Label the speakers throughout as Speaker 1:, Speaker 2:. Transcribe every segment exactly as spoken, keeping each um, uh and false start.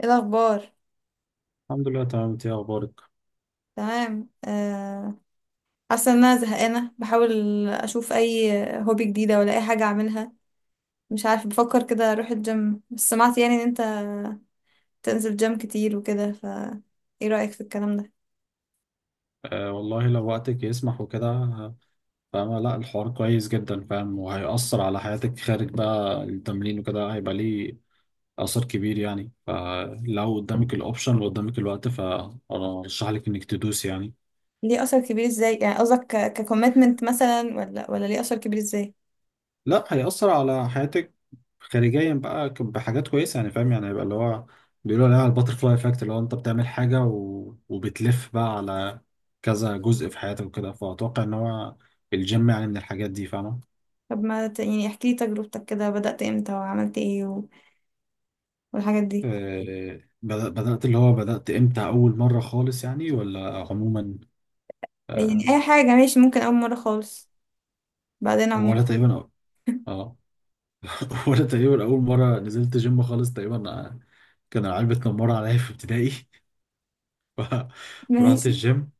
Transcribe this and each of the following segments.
Speaker 1: ايه الاخبار؟
Speaker 2: الحمد لله، تمام. انت ايه اخبارك؟
Speaker 1: تمام آه، حاسه ان انا زهقانه، بحاول اشوف اي هوبي جديده ولا اي حاجه اعملها. مش عارفه، بفكر كده اروح الجيم، بس سمعت يعني ان انت تنزل جيم كتير وكده ف ايه رايك في الكلام ده؟
Speaker 2: آه والله لو وقتك يسمح وكده، آه، فاهمة. لا الحوار كويس جدا فاهم، وهيأثر على حياتك خارج بقى التمرين وكده، هيبقى ليه أثر كبير يعني. فلو قدامك الأوبشن وقدامك الوقت فأرشح لك إنك تدوس يعني.
Speaker 1: ليه اثر كبير ازاي؟ يعني قصدك ككوميتمنت مثلا ولا ولا ليه اثر كبير ازاي؟
Speaker 2: لا، هيأثر على حياتك خارجيا بقى ك- بحاجات كويسة يعني فاهم. يعني هيبقى اللي هو بيقولوا عليها الباترفلاي افكت، اللي هو انت بتعمل حاجة و... وبتلف بقى على كذا جزء في حياتك وكده، فأتوقع إن هو الجيم يعني من الحاجات دي فاهمة.
Speaker 1: طب ما ت... يعني احكي لي تجربتك، كده بدأت امتى وعملت ايه و... والحاجات دي.
Speaker 2: آه، بدأ- بدأت اللي هو بدأت امتى، أول مرة خالص يعني ولا عموما؟
Speaker 1: يعني
Speaker 2: آه،
Speaker 1: اي حاجه ماشي، ممكن اول مره خالص بعدين عموما.
Speaker 2: ولا تقريبا. اه. ولا تقريبا أول مرة نزلت جيم خالص تقريبا، آه، كان العيال بتنمر عليا في ابتدائي. ف- فرحت
Speaker 1: ماشي.
Speaker 2: الجيم،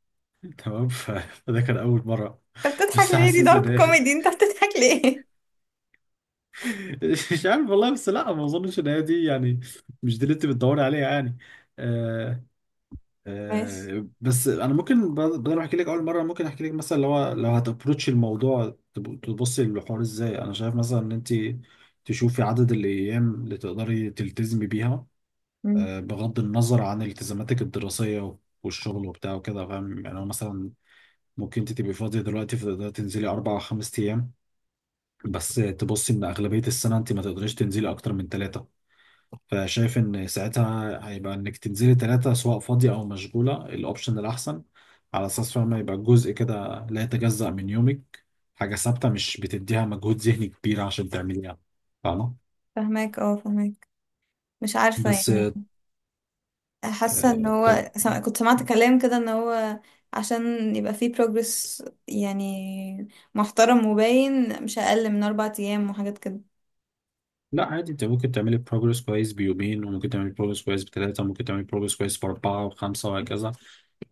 Speaker 2: تمام. ف- فده كان أول مرة.
Speaker 1: انت بتضحك
Speaker 2: بس
Speaker 1: ليه؟ دي
Speaker 2: حاسس إن
Speaker 1: دارك
Speaker 2: هي
Speaker 1: كوميدي، انت بتضحك ليه؟
Speaker 2: مش عارف والله، بس لا ما أظنش إن هي دي يعني. مش دي اللي أنت بتدوري عليها يعني. آه،
Speaker 1: ماشي.
Speaker 2: آه، بس انا ممكن ب- بدل ما احكي لك اول مره ممكن احكي لك مثلا، لو لو هتابروتش الموضوع تب- تبصي للحوار ازاي. انا شايف مثلا ان انت تشوفي عدد الايام اللي تقدري تلتزمي بيها،
Speaker 1: مم.
Speaker 2: آه، بغض النظر عن التزاماتك الدراسيه والشغل وبتاع وكده فاهم. يعني هو مثلا ممكن انت تبقي فاضيه دلوقتي فتقدري تنزلي اربع او خمس ايام، بس تبصي ان اغلبيه السنه انت ما تقدريش تنزلي اكتر من ثلاثه. فشايف ان ساعتها هيبقى انك تنزلي ثلاثة، سواء فاضية او مشغولة، الاوبشن الاحسن، على اساس فاهمة يبقى جزء كده لا يتجزأ من يومك. حاجة ثابتة مش بتديها مجهود ذهني كبير عشان تعمليها، فاهمة؟
Speaker 1: فهماك، اه، فهماك. مش عارفة
Speaker 2: بس
Speaker 1: يعني. حاسة ان
Speaker 2: آه، طل...
Speaker 1: هو سم... كنت سمعت كلام كده، ان هو عشان يبقى فيه progress يعني محترم وباين، مش اقل من اربع ايام وحاجات كده.
Speaker 2: لا عادي، انت ممكن تعملي بروجرس كويس بيومين، وممكن تعملي بروجرس كويس بثلاثة، وممكن تعملي بروجرس كويس بأربعة وخمسة وهكذا.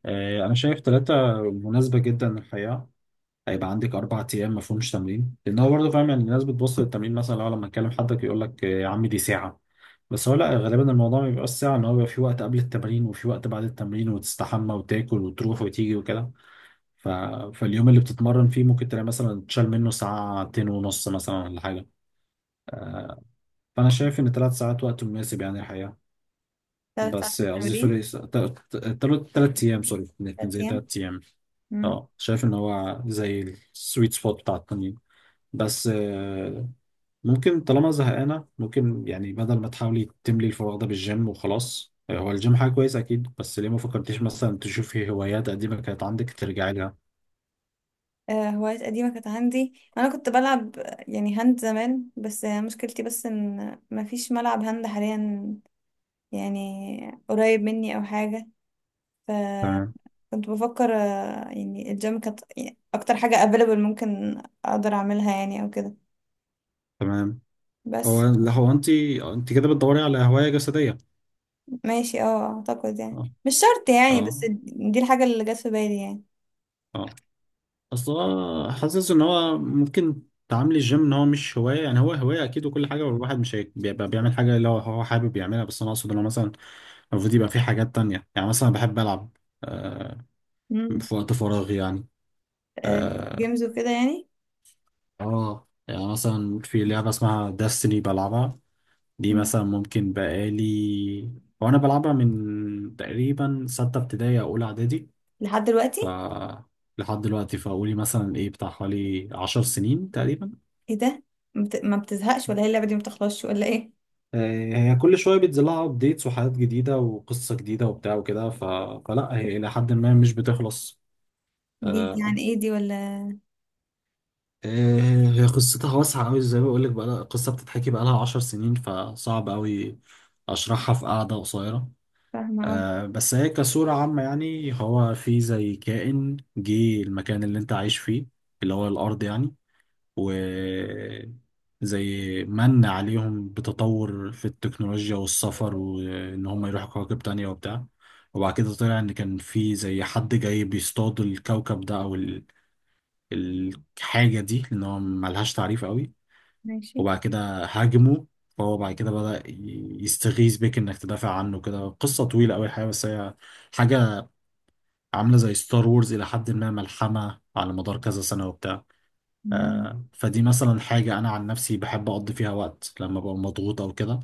Speaker 2: آه، انا شايف ثلاثة مناسبة جدا للحياة. هيبقى عندك اربع ايام ما فيهمش تمرين. لان هو برضه فاهم يعني، الناس بتبص للتمرين مثلا، لو لما تكلم حدك يقول لك يا عم دي ساعه. بس هو لا، غالبا الموضوع ما بيبقاش ساعه. ان هو بيبقى في وقت قبل التمرين وفي وقت بعد التمرين، وتستحمى وتاكل وتروح وتيجي وكده. ف... فاليوم اللي بتتمرن فيه ممكن تلاقي مثلا تشال منه ساعتين ونص مثلا ولا حاجه. فانا شايف ان ثلاث ساعات وقت مناسب يعني الحقيقه.
Speaker 1: تلات ساعات
Speaker 2: بس قصدي
Speaker 1: للتمرين؟
Speaker 2: سوري، ثلاث ايام سوري، كان
Speaker 1: تلات
Speaker 2: زي
Speaker 1: ايام
Speaker 2: ثلاث ايام.
Speaker 1: مم.
Speaker 2: اه شايف ان هو زي السويت سبوت بتاع التمرين. بس ممكن طالما زهقانة ممكن يعني، بدل ما تحاولي تملي الفراغ ده بالجيم وخلاص، آه، هو الجيم حاجة كويسة أكيد، بس ليه ما فكرتيش مثلا تشوفي هوايات قديمة كانت عندك ترجعي لها؟
Speaker 1: آه، هوايات قديمة كانت عندي. انا كنت بلعب يعني هاند زمان، بس مشكلتي بس ان مفيش ملعب هاند حاليا يعني قريب مني او حاجة.
Speaker 2: تمام.
Speaker 1: كنت بفكر آه، يعني الجيم كانت يعني اكتر حاجة available ممكن اقدر اعملها يعني او كده.
Speaker 2: تمام. هو
Speaker 1: بس.
Speaker 2: لا، هو أنت أنت كده بتدوري على هواية جسدية.
Speaker 1: ماشي، اه، اعتقد يعني
Speaker 2: أه.
Speaker 1: مش شرط يعني، بس.
Speaker 2: أه.
Speaker 1: دي الحاجة اللي جت في بالي يعني.
Speaker 2: أه. أصل هو حاسس إن هو ممكن تعاملي الجيم إن هو مش هواية. يعني هو هواية أكيد وكل حاجة، والواحد مش هي- بيبقى بيعمل حاجة اللي هو هو حابب يعملها، بس أنا أقصد إن هو مثلا المفروض يبقى في حاجات تانية. يعني مثلا بحب ألعب آه،
Speaker 1: مم.
Speaker 2: في وقت فراغي يعني.
Speaker 1: آه.
Speaker 2: آه
Speaker 1: جيمز وكده يعني.
Speaker 2: اه يعني مثلا في لعبة اسمها داستني بلعبها. دي
Speaker 1: مم.
Speaker 2: مثلا ممكن بقالي، وانا بلعبها من تقريبا ستة ابتدائي او اولى اعدادي
Speaker 1: لحد دلوقتي؟
Speaker 2: ف لحد دلوقتي. فقولي مثلا ايه، بتاع حوالي عشر سنين تقريبا.
Speaker 1: ايه ده؟ ما بت- ما بتزهقش ولا هي اللعبة دي ما بتخلصش ولا ايه؟
Speaker 2: آه، هي كل شوية بينزل لها ابديتس وحاجات جديدة وقصة جديدة وبتاع وكده. ف... فلا هي إلى حد ما مش بتخلص.
Speaker 1: دي دي
Speaker 2: آه،
Speaker 1: يعني ايه دي ولا؟
Speaker 2: آه، هي قصتها واسعة أوي، زي ما بقولك بقى، قصة بتتحكي بقالها عشر سنين، فصعب أوي أشرحها في قعدة قصيرة.
Speaker 1: فاهمة، اه.
Speaker 2: آه، بس هي كصورة عامة يعني، هو في زي كائن جه المكان اللي أنت عايش فيه، اللي هو الأرض يعني، و زي من عليهم بتطور في التكنولوجيا والسفر وإن هم يروحوا كواكب تانية وبتاع. وبعد كده طلع إن كان في زي حد جاي بيصطاد الكوكب ده أو الحاجة دي، لأن هو ملهاش تعريف قوي.
Speaker 1: ماشي.
Speaker 2: وبعد كده هاجمه، فهو بعد كده بدأ يستغيث بك إنك تدافع عنه كده. قصة طويلة أوي الحقيقة، بس هي حاجة عاملة زي ستار وورز إلى حد ما، ملحمة على مدار كذا سنة وبتاع.
Speaker 1: مم.
Speaker 2: آه، فدي مثلا حاجة أنا عن نفسي بحب أقضي فيها وقت لما ببقى مضغوط أو كده،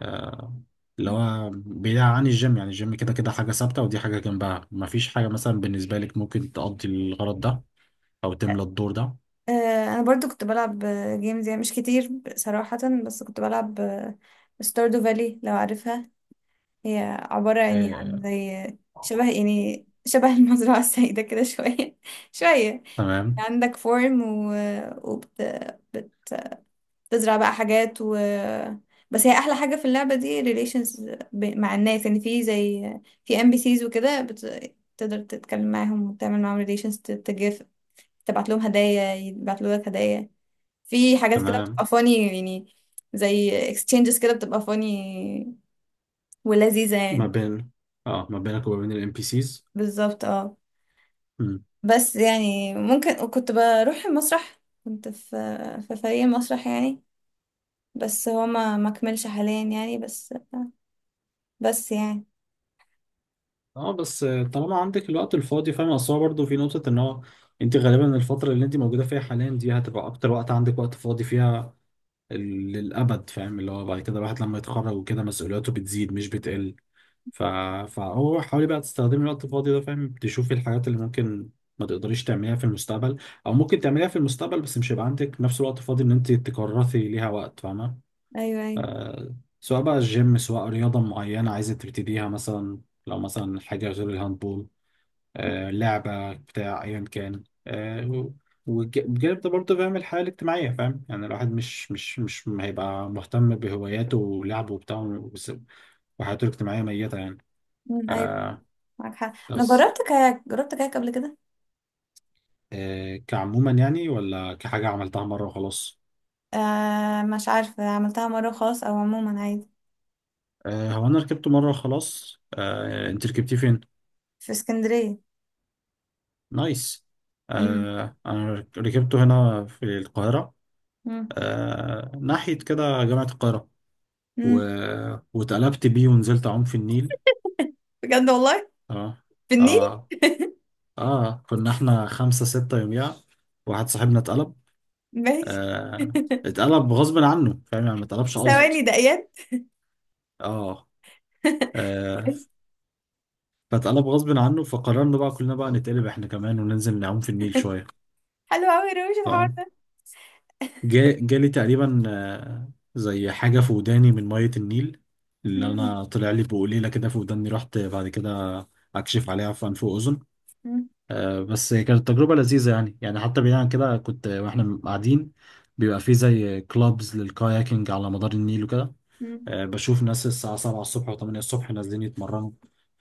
Speaker 2: آه، اللي هو بعيد عن الجيم يعني. الجيم كده كده حاجة ثابتة، ودي حاجة جنبها مفيش حاجة. مثلا بالنسبة لك ممكن تقضي الغرض ده أو تملى الدور ده.
Speaker 1: آه، انا برضو كنت بلعب جيمز يعني، مش كتير صراحة. بس كنت بلعب ستاردو فالي، لو عارفها. هي عبارة يعني عن
Speaker 2: آه،
Speaker 1: زي شبه يعني شبه المزرعة السعيدة كده شوية شوية.
Speaker 2: تمام.
Speaker 1: عندك فورم و... وبتزرع بقى حاجات و... بس هي أحلى حاجة في اللعبة دي relations، ب... مع الناس يعني، في زي في ام بي سيز وكده بت... تقدر تتكلم معاهم وتعمل معاهم relations، ت- تجف، تبعت لهم هدايا، يبعتوا لك هدايا. في حاجات كده بتبقى
Speaker 2: تمام.
Speaker 1: funny يعني، زي exchanges كده بتبقى funny ولذيذة
Speaker 2: ما
Speaker 1: يعني.
Speaker 2: بين، اه ما بينك وما بين الام بي سيز.
Speaker 1: بالظبط، اه. بس يعني ممكن. وكنت بروح المسرح، كنت في في فريق مسرح يعني، بس هو ما ما كملش حاليا يعني، بس. بس يعني.
Speaker 2: اه بس طالما عندك الوقت الفاضي فاهم. اصل هو برضه في نقطة ان هو انت غالبا الفترة اللي انت موجودة فيها حاليا دي هتبقى اكتر وقت عندك وقت فاضي فيها ال- للابد فاهم. اللي هو بعد كده الواحد لما يتخرج وكده مسؤولياته بتزيد مش بتقل. ف... فهو حاولي بقى تستخدمي الوقت الفاضي ده فاهم، تشوفي الحاجات اللي ممكن ما تقدريش تعمليها في المستقبل، او ممكن تعمليها في المستقبل بس مش هيبقى عندك نفس الوقت فاضي ان انت تكرسي ليها وقت فاهمة.
Speaker 1: ايوه، ايوه.
Speaker 2: آه، سواء بقى الجيم، سواء رياضة معينة عايزة تبتديها مثلا، لو مثلا حاجة غير الهاندبول، آه، لعبة بتاع أيا كان. آه، وبجانب ده برضه فاهم الحياة الاجتماعية فاهم. يعني الواحد مش مش مش هيبقى مهتم بهواياته ولعبه وبتاع وس- وحياته الاجتماعية ميتة يعني.
Speaker 1: مم، ايوه.
Speaker 2: آه،
Speaker 1: معاك حق. انا
Speaker 2: بس
Speaker 1: جربت كاياك جربت كاياك قبل كده.
Speaker 2: آه، كعموما يعني، ولا كحاجة عملتها مرة وخلاص؟
Speaker 1: آه، مش عارفه عملتها مره خاص او عموما، عادي.
Speaker 2: آه، هو أنا ركبته مرة وخلاص. آه، أنت ركبتيه فين؟
Speaker 1: في اسكندريه.
Speaker 2: نايس.
Speaker 1: امم.
Speaker 2: آه أنا ركبته هنا في القاهرة.
Speaker 1: امم.
Speaker 2: آه ناحية كده جامعة القاهرة و...
Speaker 1: امم.
Speaker 2: واتقلبت بيه ونزلت أعوم في النيل.
Speaker 1: بجد والله؟
Speaker 2: آه.
Speaker 1: في النيل؟
Speaker 2: آه. آه كنا إحنا خمسة ستة يوميها، واحد صاحبنا اتقلب.
Speaker 1: ماشي.
Speaker 2: آه، اتقلب غصب عنه فاهم، يعني ما اتقلبش قصد.
Speaker 1: ثواني، دقيقات؟
Speaker 2: آه. آه. فاتقلب غصب عنه فقررنا بقى كلنا بقى نتقلب إحنا كمان وننزل نعوم في النيل شوية.
Speaker 1: حلو قوي، روش الحوار ده.
Speaker 2: جا- جالي تقريبا آه، زي حاجة في وداني من مية النيل، اللي
Speaker 1: مم.
Speaker 2: أنا طلع لي بقليلة كده في وداني، رحت بعد كده أكشف عليها في أنف وأذن.
Speaker 1: مم.
Speaker 2: آه، بس كانت تجربة لذيذة يعني. يعني حتى بعيد عن كده، كنت وإحنا قاعدين بيبقى في زي كلابز للكاياكينج على مدار النيل وكده.
Speaker 1: مم.
Speaker 2: آه، بشوف ناس الساعة سبعة الصبح و8 الصبح نازلين يتمرنوا.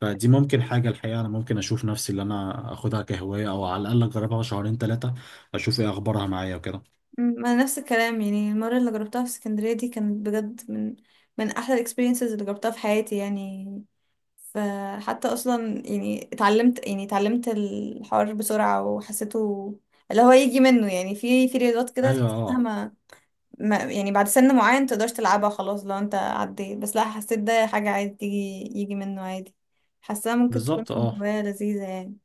Speaker 2: فدي ممكن حاجة الحقيقة أنا ممكن أشوف نفسي اللي أنا أخدها كهواية، أو على الأقل أجربها شهرين ثلاثة أشوف إيه أخبارها معايا وكده.
Speaker 1: مم، انا نفس الكلام يعني، المره اللي جربتها في اسكندريه دي كانت بجد من من احلى الاكسبيرينسز اللي جربتها في حياتي يعني. فحتى اصلا يعني اتعلمت يعني اتعلمت الحوار بسرعه وحسيته، اللي هو يجي منه يعني، في في رياضات كده
Speaker 2: أيوه
Speaker 1: تحس انها
Speaker 2: أه.
Speaker 1: ما ما يعني بعد سن معين متقدرش تلعبها خلاص لو انت عديت، بس لا حسيت ده حاجه عادي تيجي، يجي منه عادي، حاساها ممكن تكون
Speaker 2: بالظبط اه.
Speaker 1: هوايه لذيذه يعني.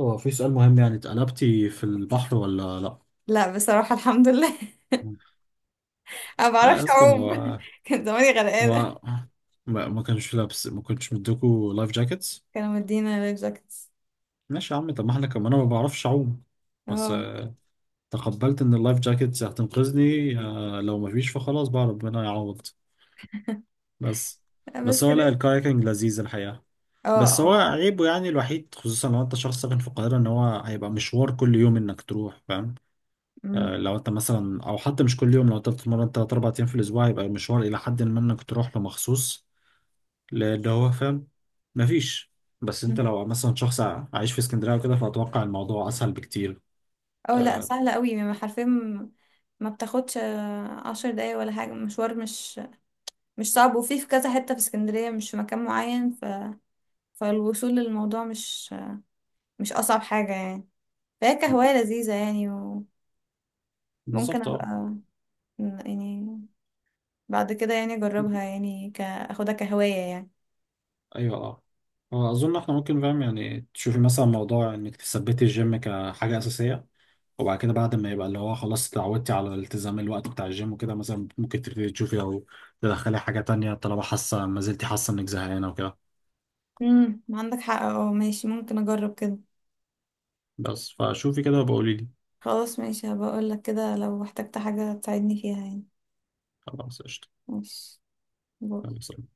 Speaker 2: هو في سؤال مهم يعني، اتقلبتي في البحر ولا لا؟
Speaker 1: لا، بصراحه الحمد لله. انا ما
Speaker 2: لا يا
Speaker 1: بعرفش
Speaker 2: اسطى.
Speaker 1: اعوم.
Speaker 2: ما
Speaker 1: كان زماني غرقانه.
Speaker 2: ما ما ما كانش لابس، ما كنتش مديكوا لايف جاكيتس؟
Speaker 1: كانوا مدينا لايف جاكتس.
Speaker 2: ماشي يا عم، طب ما احنا كمان انا ما بعرفش اعوم، بس
Speaker 1: اه،
Speaker 2: آه، تقبلت ان اللايف جاكيتس هتنقذني. آه، لو ما فيش فخلاص بقى ربنا يعوض. بس بس
Speaker 1: بس.
Speaker 2: هو
Speaker 1: ال-
Speaker 2: لا الكايكنج لذيذ الحقيقة.
Speaker 1: اه،
Speaker 2: بس هو
Speaker 1: اه.
Speaker 2: عيبه يعني الوحيد، خصوصا لو انت شخص ساكن في القاهرة، ان هو هيبقى مشوار كل يوم انك تروح فاهم.
Speaker 1: أمم.
Speaker 2: آه، لو انت مثلا، او حتى مش كل يوم، لو انت بتتمرن تلات اربع ايام في الاسبوع يبقى المشوار الى حد ما انك تروح له مخصوص، لان هو فاهم مفيش. بس انت لو مثلا شخص ع- عايش في اسكندريه وكده فاتوقع الموضوع اسهل بكتير.
Speaker 1: اه، لا
Speaker 2: آه،
Speaker 1: سهلة قوي، ما حرفيا، ما ما بتاخدش آه، عشر دقايق ولا حاجة، مشوار مش مش صعب. وفي في كذا حتة في اسكندرية، مش في مكان معين ف... فالوصول للموضوع مش مش أصعب حاجة يعني. فهي كهواية لذيذة يعني، وممكن
Speaker 2: بالظبط
Speaker 1: أبقى
Speaker 2: اه.
Speaker 1: يعني بعد كده يعني أجربها يعني ك... أخدها كهواية يعني.
Speaker 2: ايوه اه. هو اظن احنا ممكن فاهم، يعني تشوفي مثلا موضوع انك تثبتي الجيم كحاجه اساسيه، وبعد كده بعد ما يبقى اللي هو خلاص اتعودتي على التزام الوقت بتاع الجيم وكده، مثلا ممكن تبتدي تشوفي او تدخلي حاجه تانية طالما حاسه ما زلتي حاسه انك زهقانه وكده.
Speaker 1: امم، عندك حق، اه، ماشي، ممكن أجرب كده.
Speaker 2: بس فشوفي كده وبقولي لي.
Speaker 1: خلاص، ماشي، هبقى اقول لك كده لو احتجت حاجة تساعدني فيها يعني.
Speaker 2: خلاص قشطة.
Speaker 1: ماشي. باي.
Speaker 2: يلا، سلام.